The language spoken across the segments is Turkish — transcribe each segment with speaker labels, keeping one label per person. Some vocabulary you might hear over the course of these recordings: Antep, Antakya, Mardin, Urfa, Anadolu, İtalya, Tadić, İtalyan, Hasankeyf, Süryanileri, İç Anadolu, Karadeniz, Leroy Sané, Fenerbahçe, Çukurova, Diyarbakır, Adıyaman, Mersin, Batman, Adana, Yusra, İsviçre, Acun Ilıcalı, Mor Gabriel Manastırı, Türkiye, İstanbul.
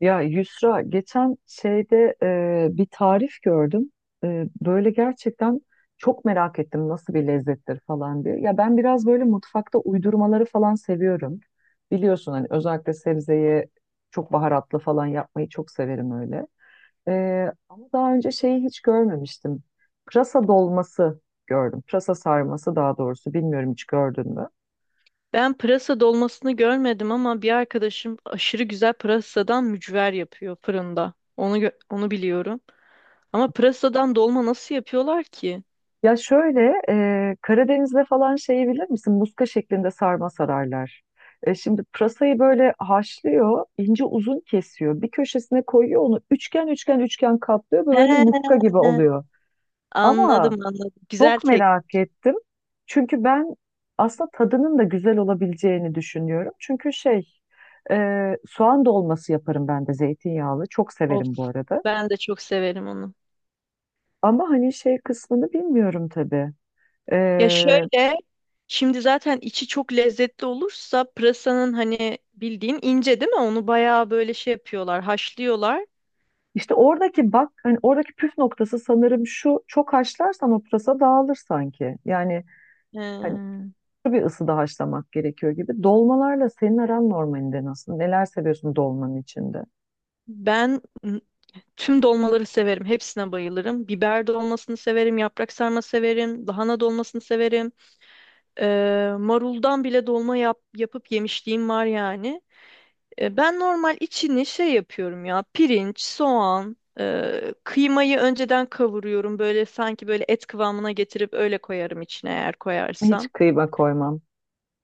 Speaker 1: Ya Yusra geçen şeyde bir tarif gördüm. Böyle gerçekten çok merak ettim nasıl bir lezzettir falan diye. Ya ben biraz böyle mutfakta uydurmaları falan seviyorum. Biliyorsun hani özellikle sebzeyi çok baharatlı falan yapmayı çok severim öyle. E, Ama daha önce şeyi hiç görmemiştim. Pırasa dolması gördüm. Pırasa sarması daha doğrusu, bilmiyorum, hiç gördün mü?
Speaker 2: Ben pırasa dolmasını görmedim ama bir arkadaşım aşırı güzel pırasadan mücver yapıyor fırında. Onu biliyorum. Ama pırasadan dolma nasıl yapıyorlar ki?
Speaker 1: Ya şöyle, Karadeniz'de falan şeyi bilir misin? Muska şeklinde sarma sararlar. Şimdi pırasayı böyle haşlıyor, ince uzun kesiyor. Bir köşesine koyuyor, onu üçgen üçgen üçgen katlıyor ve
Speaker 2: He,
Speaker 1: böyle muska gibi oluyor.
Speaker 2: anladım
Speaker 1: Ama
Speaker 2: anladım. Güzel
Speaker 1: çok
Speaker 2: tek.
Speaker 1: merak ettim. Çünkü ben aslında tadının da güzel olabileceğini düşünüyorum. Çünkü şey, e, soğan dolması yaparım ben de zeytinyağlı. Çok
Speaker 2: Of,
Speaker 1: severim bu arada.
Speaker 2: ben de çok severim onu.
Speaker 1: Ama hani şey kısmını bilmiyorum tabii.
Speaker 2: Ya şöyle, şimdi zaten içi çok lezzetli olursa pırasanın hani bildiğin ince değil mi? Onu bayağı böyle şey yapıyorlar, haşlıyorlar.
Speaker 1: İşte oradaki bak, hani oradaki püf noktası sanırım şu: çok haşlarsan o pırasa dağılır sanki. Yani hani
Speaker 2: Ee,
Speaker 1: bir ısıda haşlamak gerekiyor gibi. Dolmalarla senin aran normalinde nasıl? Neler seviyorsun dolmanın içinde?
Speaker 2: ben Tüm dolmaları severim. Hepsine bayılırım. Biber dolmasını severim. Yaprak sarma severim. Lahana dolmasını severim. Maruldan bile dolma yapıp yemişliğim var yani. Ben normal içini şey yapıyorum ya. Pirinç, soğan, kıymayı önceden kavuruyorum. Böyle sanki böyle et kıvamına getirip öyle koyarım içine eğer
Speaker 1: Hiç
Speaker 2: koyarsam.
Speaker 1: kıyma koymam.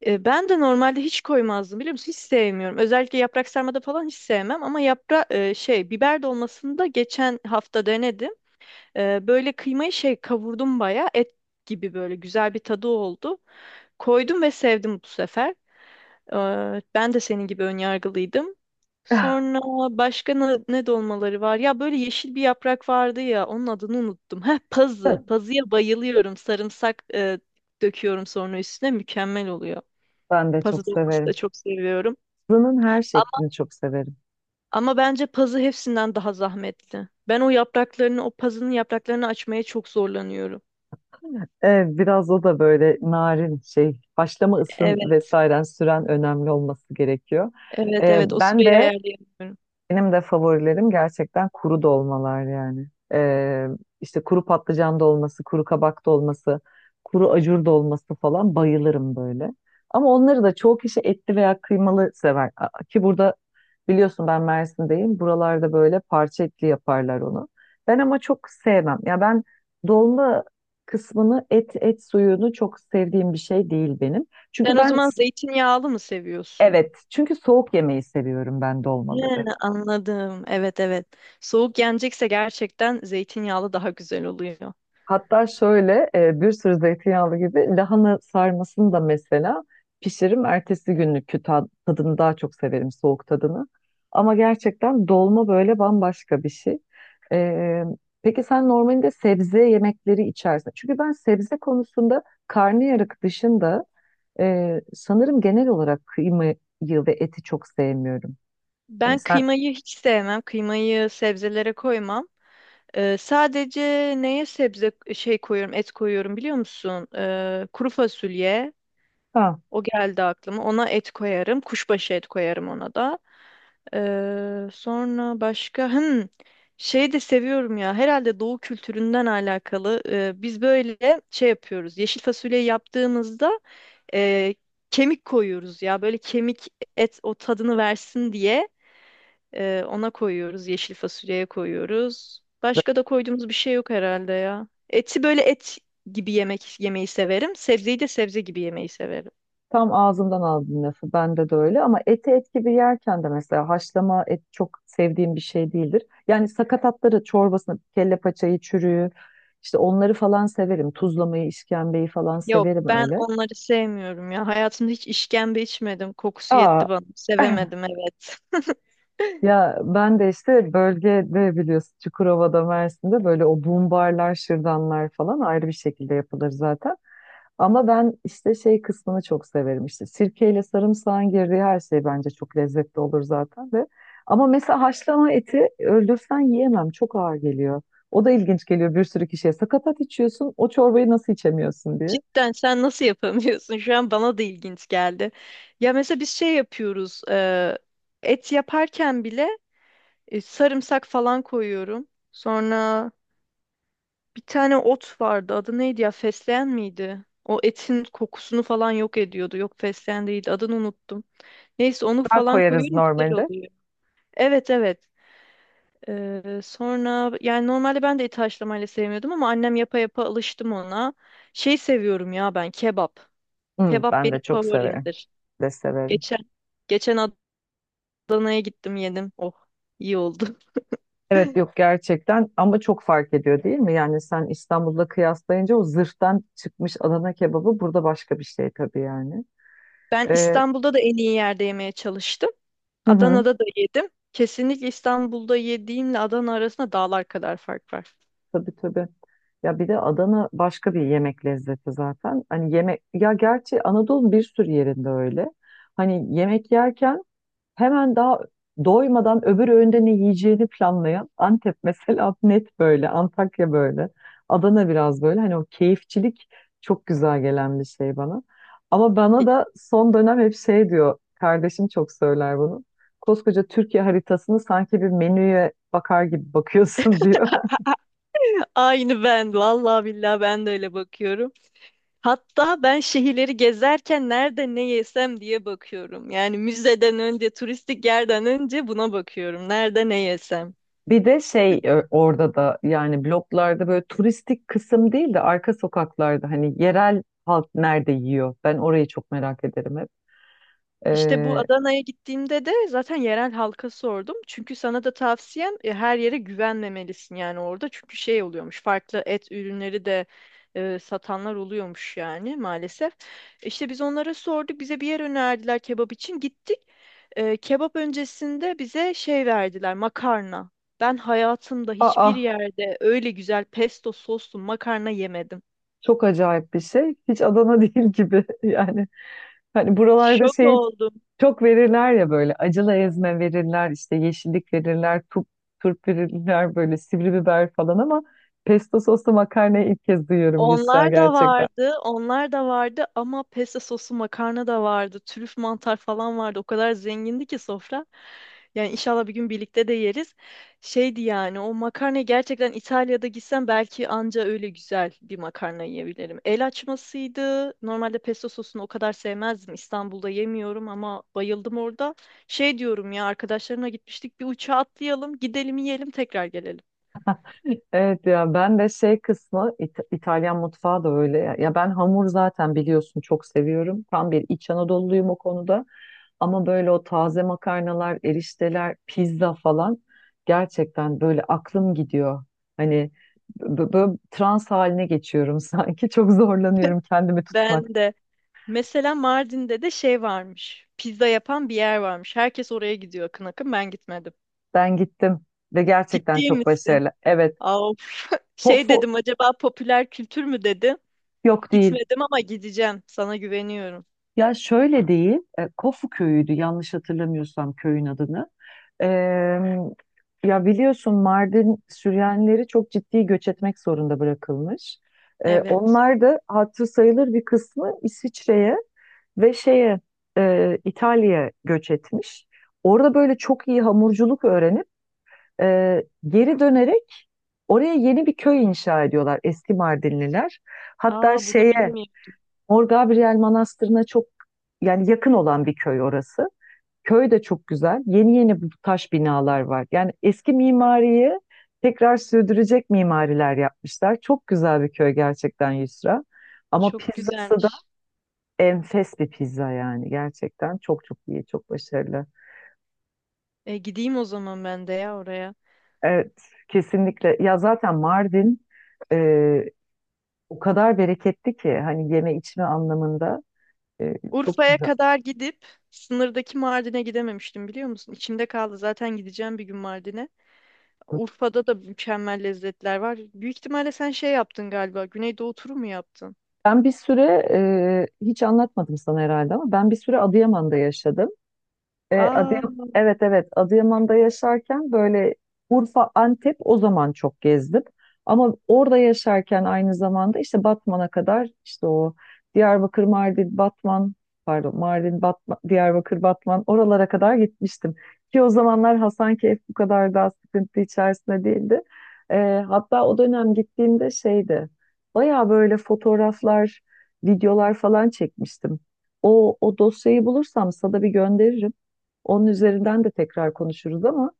Speaker 2: Ben de normalde hiç koymazdım biliyor musun? Hiç sevmiyorum. Özellikle yaprak sarmada falan hiç sevmem ama yapra e, şey biber dolmasını da geçen hafta denedim. Böyle kıymayı şey kavurdum bayağı et gibi böyle güzel bir tadı oldu. Koydum ve sevdim bu sefer. Ben de senin gibi önyargılıydım. Sonra başka ne dolmaları var? Ya böyle yeşil bir yaprak vardı ya onun adını unuttum. Heh
Speaker 1: Ah,
Speaker 2: pazı. Pazıya bayılıyorum. Sarımsak döküyorum sonra üstüne mükemmel oluyor.
Speaker 1: ben de çok
Speaker 2: Pazı dolması da
Speaker 1: severim.
Speaker 2: çok seviyorum.
Speaker 1: Fırının her şeklini çok severim.
Speaker 2: Ama bence pazı hepsinden daha zahmetli. Ben o yapraklarını, o pazının yapraklarını açmaya çok zorlanıyorum.
Speaker 1: Evet, biraz o da böyle narin şey, haşlama ısın
Speaker 2: Evet.
Speaker 1: vesaire süren önemli olması gerekiyor.
Speaker 2: Evet evet o
Speaker 1: Ben
Speaker 2: süreyi
Speaker 1: de
Speaker 2: ayarlayamıyorum.
Speaker 1: benim de favorilerim gerçekten kuru dolmalar yani. Ee, işte kuru patlıcan dolması, kuru kabak dolması, kuru acur dolması falan bayılırım böyle. Ama onları da çoğu kişi etli veya kıymalı sever. Ki burada biliyorsun ben Mersin'deyim. Buralarda böyle parça etli yaparlar onu. Ben ama çok sevmem. Ya ben dolma kısmını, et suyunu çok sevdiğim bir şey değil benim. Çünkü
Speaker 2: Sen o
Speaker 1: ben
Speaker 2: zaman zeytinyağlı mı seviyorsun?
Speaker 1: evet, çünkü soğuk yemeyi seviyorum ben
Speaker 2: He,
Speaker 1: dolmaları.
Speaker 2: anladım. Evet evet. Soğuk yenecekse gerçekten zeytinyağlı daha güzel oluyor.
Speaker 1: Hatta şöyle bir sürü zeytinyağlı gibi lahana sarmasını da mesela pişiririm. Ertesi günlükü tadını daha çok severim, soğuk tadını. Ama gerçekten dolma böyle bambaşka bir şey. E, peki sen normalde sebze yemekleri içersin. Çünkü ben sebze konusunda karnıyarık dışında sanırım genel olarak kıymayı ve eti çok sevmiyorum. Yani
Speaker 2: Ben
Speaker 1: sen,
Speaker 2: kıymayı hiç sevmem. Kıymayı sebzelere koymam. Sadece neye sebze şey koyuyorum, et koyuyorum biliyor musun? Kuru fasulye,
Speaker 1: ha.
Speaker 2: o geldi aklıma. Ona et koyarım. Kuşbaşı et koyarım ona da. Sonra başka şey de seviyorum ya. Herhalde doğu kültüründen alakalı. Biz böyle şey yapıyoruz. Yeşil fasulyeyi yaptığımızda e, kemik koyuyoruz ya. Böyle kemik et o tadını versin diye ona koyuyoruz. Yeşil fasulyeye koyuyoruz. Başka da koyduğumuz bir şey yok herhalde ya. Eti böyle et gibi yemek yemeyi severim. Sebzeyi de sebze gibi yemeyi severim.
Speaker 1: Tam ağzımdan aldın lafı. Bende de öyle ama eti et gibi yerken de mesela haşlama et çok sevdiğim bir şey değildir. Yani sakatatları, çorbasını, kelle paçayı, çürüğü, işte onları falan severim. Tuzlamayı, işkembeyi falan
Speaker 2: Yok
Speaker 1: severim
Speaker 2: ben
Speaker 1: öyle.
Speaker 2: onları sevmiyorum ya. Hayatımda hiç işkembe içmedim. Kokusu
Speaker 1: Aa.
Speaker 2: yetti bana. Sevemedim evet.
Speaker 1: Ya ben de işte bölgede, biliyorsun, Çukurova'da, Mersin'de böyle o boom barlar, şırdanlar falan ayrı bir şekilde yapılır zaten. Ama ben işte şey kısmını çok severim, işte sirkeyle sarımsağın girdiği her şey bence çok lezzetli olur zaten de. Ama mesela haşlama eti öldürsen yiyemem, çok ağır geliyor. O da ilginç geliyor bir sürü kişiye. Sakatat içiyorsun, o çorbayı nasıl içemiyorsun diye.
Speaker 2: Cidden sen nasıl yapamıyorsun? Şu an bana da ilginç geldi. Ya mesela biz şey yapıyoruz. Et yaparken bile sarımsak falan koyuyorum. Sonra bir tane ot vardı. Adı neydi ya? Fesleğen miydi? O etin kokusunu falan yok ediyordu. Yok fesleğen değildi. Adını unuttum. Neyse onu
Speaker 1: Daha
Speaker 2: falan
Speaker 1: koyarız
Speaker 2: koyuyorum güzel
Speaker 1: normalde.
Speaker 2: oluyor. Evet evet. Sonra yani normalde ben de eti haşlamayla sevmiyordum ama annem yapa yapa alıştım ona. Şey seviyorum ya ben kebap.
Speaker 1: Hı,
Speaker 2: Kebap
Speaker 1: ben
Speaker 2: benim
Speaker 1: de çok severim.
Speaker 2: favorimdir.
Speaker 1: De severim.
Speaker 2: Geçen Geçen Adana'ya gittim yedim. Oh iyi oldu.
Speaker 1: Evet, yok gerçekten ama çok fark ediyor değil mi? Yani sen İstanbul'da kıyaslayınca o zırhtan çıkmış Adana kebabı burada başka bir şey tabii yani.
Speaker 2: Ben
Speaker 1: Ee,
Speaker 2: İstanbul'da da en iyi yerde yemeye çalıştım.
Speaker 1: hı hı,
Speaker 2: Adana'da da yedim. Kesinlikle İstanbul'da yediğimle Adana arasında dağlar kadar fark var.
Speaker 1: tabii tabii. Ya bir de Adana başka bir yemek lezzeti zaten. Hani yemek ya, gerçi Anadolu'nun bir sürü yerinde öyle. Hani yemek yerken hemen daha doymadan öbür öğünde ne yiyeceğini planlayan Antep mesela, net böyle, Antakya böyle, Adana biraz böyle. Hani o keyifçilik çok güzel gelen bir şey bana. Ama bana da son dönem hep şey diyor, kardeşim çok söyler bunu. Koskoca Türkiye haritasını sanki bir menüye bakar gibi bakıyorsun diyor.
Speaker 2: Aynı ben. Vallahi billahi ben de öyle bakıyorum. Hatta ben şehirleri gezerken nerede ne yesem diye bakıyorum. Yani müzeden önce, turistik yerden önce buna bakıyorum. Nerede ne yesem.
Speaker 1: Bir de şey orada da yani bloklarda böyle turistik kısım değil de arka sokaklarda hani yerel halk nerede yiyor? Ben orayı çok merak ederim hep.
Speaker 2: İşte bu
Speaker 1: Ee,
Speaker 2: Adana'ya gittiğimde de zaten yerel halka sordum. Çünkü sana da tavsiyem her yere güvenmemelisin yani orada. Çünkü şey oluyormuş farklı et ürünleri de satanlar oluyormuş yani maalesef. İşte biz onlara sorduk bize bir yer önerdiler kebap için gittik. Kebap öncesinde bize şey verdiler makarna. Ben hayatımda
Speaker 1: Aa,
Speaker 2: hiçbir yerde öyle güzel pesto soslu makarna yemedim.
Speaker 1: çok acayip bir şey. Hiç Adana değil gibi. Yani hani buralarda
Speaker 2: Şok
Speaker 1: şey
Speaker 2: oldum.
Speaker 1: çok verirler ya, böyle acılı ezme verirler, işte yeşillik verirler, turp, turp verirler, böyle sivri biber falan, ama pesto soslu makarnayı ilk kez duyuyorum Yusra,
Speaker 2: Onlar da
Speaker 1: gerçekten.
Speaker 2: vardı, onlar da vardı ama pesto sosu makarna da vardı, trüf mantar falan vardı. O kadar zengindi ki sofra. Yani inşallah bir gün birlikte de yeriz. Şeydi yani o makarna gerçekten İtalya'da gitsem belki anca öyle güzel bir makarna yiyebilirim. El açmasıydı. Normalde pesto sosunu o kadar sevmezdim. İstanbul'da yemiyorum ama bayıldım orada. Şey diyorum ya arkadaşlarımla gitmiştik bir uçağa atlayalım, gidelim yiyelim tekrar gelelim.
Speaker 1: Evet, ya ben de şey kısmı İtalyan mutfağı da öyle. Ya ben hamur, zaten biliyorsun, çok seviyorum. Tam bir İç Anadolu'luyum o konuda. Ama böyle o taze makarnalar, erişteler, pizza falan gerçekten böyle aklım gidiyor. Hani böyle trans haline geçiyorum sanki. Çok zorlanıyorum kendimi tutmak.
Speaker 2: Ben de. Mesela Mardin'de de şey varmış. Pizza yapan bir yer varmış. Herkes oraya gidiyor akın akın. Ben gitmedim.
Speaker 1: Ben gittim ve gerçekten
Speaker 2: Ciddi
Speaker 1: çok
Speaker 2: misin?
Speaker 1: başarılı. Evet,
Speaker 2: Of. Şey
Speaker 1: Kofu.
Speaker 2: dedim acaba popüler kültür mü dedim.
Speaker 1: Yok değil.
Speaker 2: Gitmedim ama gideceğim. Sana güveniyorum.
Speaker 1: Ya şöyle değil, Kofu köyüydü yanlış hatırlamıyorsam köyün adını. Eee, ya biliyorsun Mardin Süryanileri çok ciddi göç etmek zorunda bırakılmış.
Speaker 2: Evet.
Speaker 1: Onlar da hatırı sayılır bir kısmı İsviçre'ye ve şeye İtalya'ya göç etmiş. Orada böyle çok iyi hamurculuk öğrenip geri dönerek oraya yeni bir köy inşa ediyorlar eski Mardinliler. Hatta
Speaker 2: Aa bunu
Speaker 1: şeye
Speaker 2: bilmiyorum.
Speaker 1: Mor Gabriel Manastırı'na çok, yani yakın olan bir köy orası. Köy de çok güzel. Yeni yeni bu taş binalar var. Yani eski mimariyi tekrar sürdürecek mimariler yapmışlar. Çok güzel bir köy gerçekten Yusra. Ama
Speaker 2: Çok
Speaker 1: pizzası da
Speaker 2: güzelmiş.
Speaker 1: enfes bir pizza yani. Gerçekten çok çok iyi, çok başarılı.
Speaker 2: E, gideyim o zaman ben de ya oraya.
Speaker 1: Evet, kesinlikle. Ya zaten Mardin e, o kadar bereketli ki hani yeme içme anlamında e, çok
Speaker 2: Urfa'ya
Speaker 1: güzel.
Speaker 2: kadar gidip sınırdaki Mardin'e gidememiştim biliyor musun? İçimde kaldı. Zaten gideceğim bir gün Mardin'e. Urfa'da da mükemmel lezzetler var. Büyük ihtimalle sen şey yaptın galiba. Güneydoğu turu mu yaptın?
Speaker 1: Ben bir süre hiç anlatmadım sana herhalde ama ben bir süre Adıyaman'da yaşadım.
Speaker 2: Aa,
Speaker 1: Evet evet, Adıyaman'da yaşarken böyle Urfa, Antep o zaman çok gezdim. Ama orada yaşarken aynı zamanda işte Batman'a kadar, işte o Diyarbakır, Mardin, Batman, pardon, Mardin, Batman, Diyarbakır, Batman, oralara kadar gitmiştim. Ki o zamanlar Hasankeyf bu kadar daha sıkıntı içerisinde değildi. E, hatta o dönem gittiğimde şeydi, baya böyle fotoğraflar, videolar falan çekmiştim. O dosyayı bulursam sana bir gönderirim. Onun üzerinden de tekrar konuşuruz ama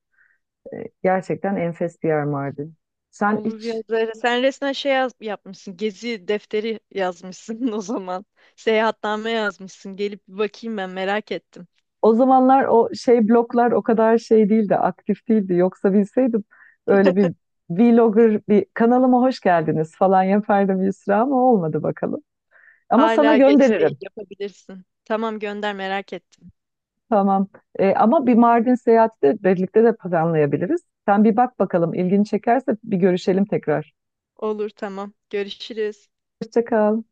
Speaker 1: e, gerçekten enfes bir yer Mardin. Sen
Speaker 2: olur ya
Speaker 1: hiç
Speaker 2: Zehra. Sen resmen yapmışsın. Gezi defteri yazmışsın o zaman. Seyahatname yazmışsın. Gelip bir bakayım ben merak ettim.
Speaker 1: o zamanlar o şey bloklar o kadar şey değildi, aktif değildi. Yoksa bilseydim öyle bir vlogger, bir kanalıma hoş geldiniz falan yapardım Yusra, ama olmadı bakalım. Ama sana
Speaker 2: Hala geç değil
Speaker 1: gönderirim.
Speaker 2: yapabilirsin. Tamam gönder merak ettim.
Speaker 1: Tamam. Ama bir Mardin seyahati de birlikte de planlayabiliriz. Sen bir bak bakalım, ilgini çekerse bir görüşelim tekrar.
Speaker 2: Olur tamam. Görüşürüz.
Speaker 1: Hoşça kal.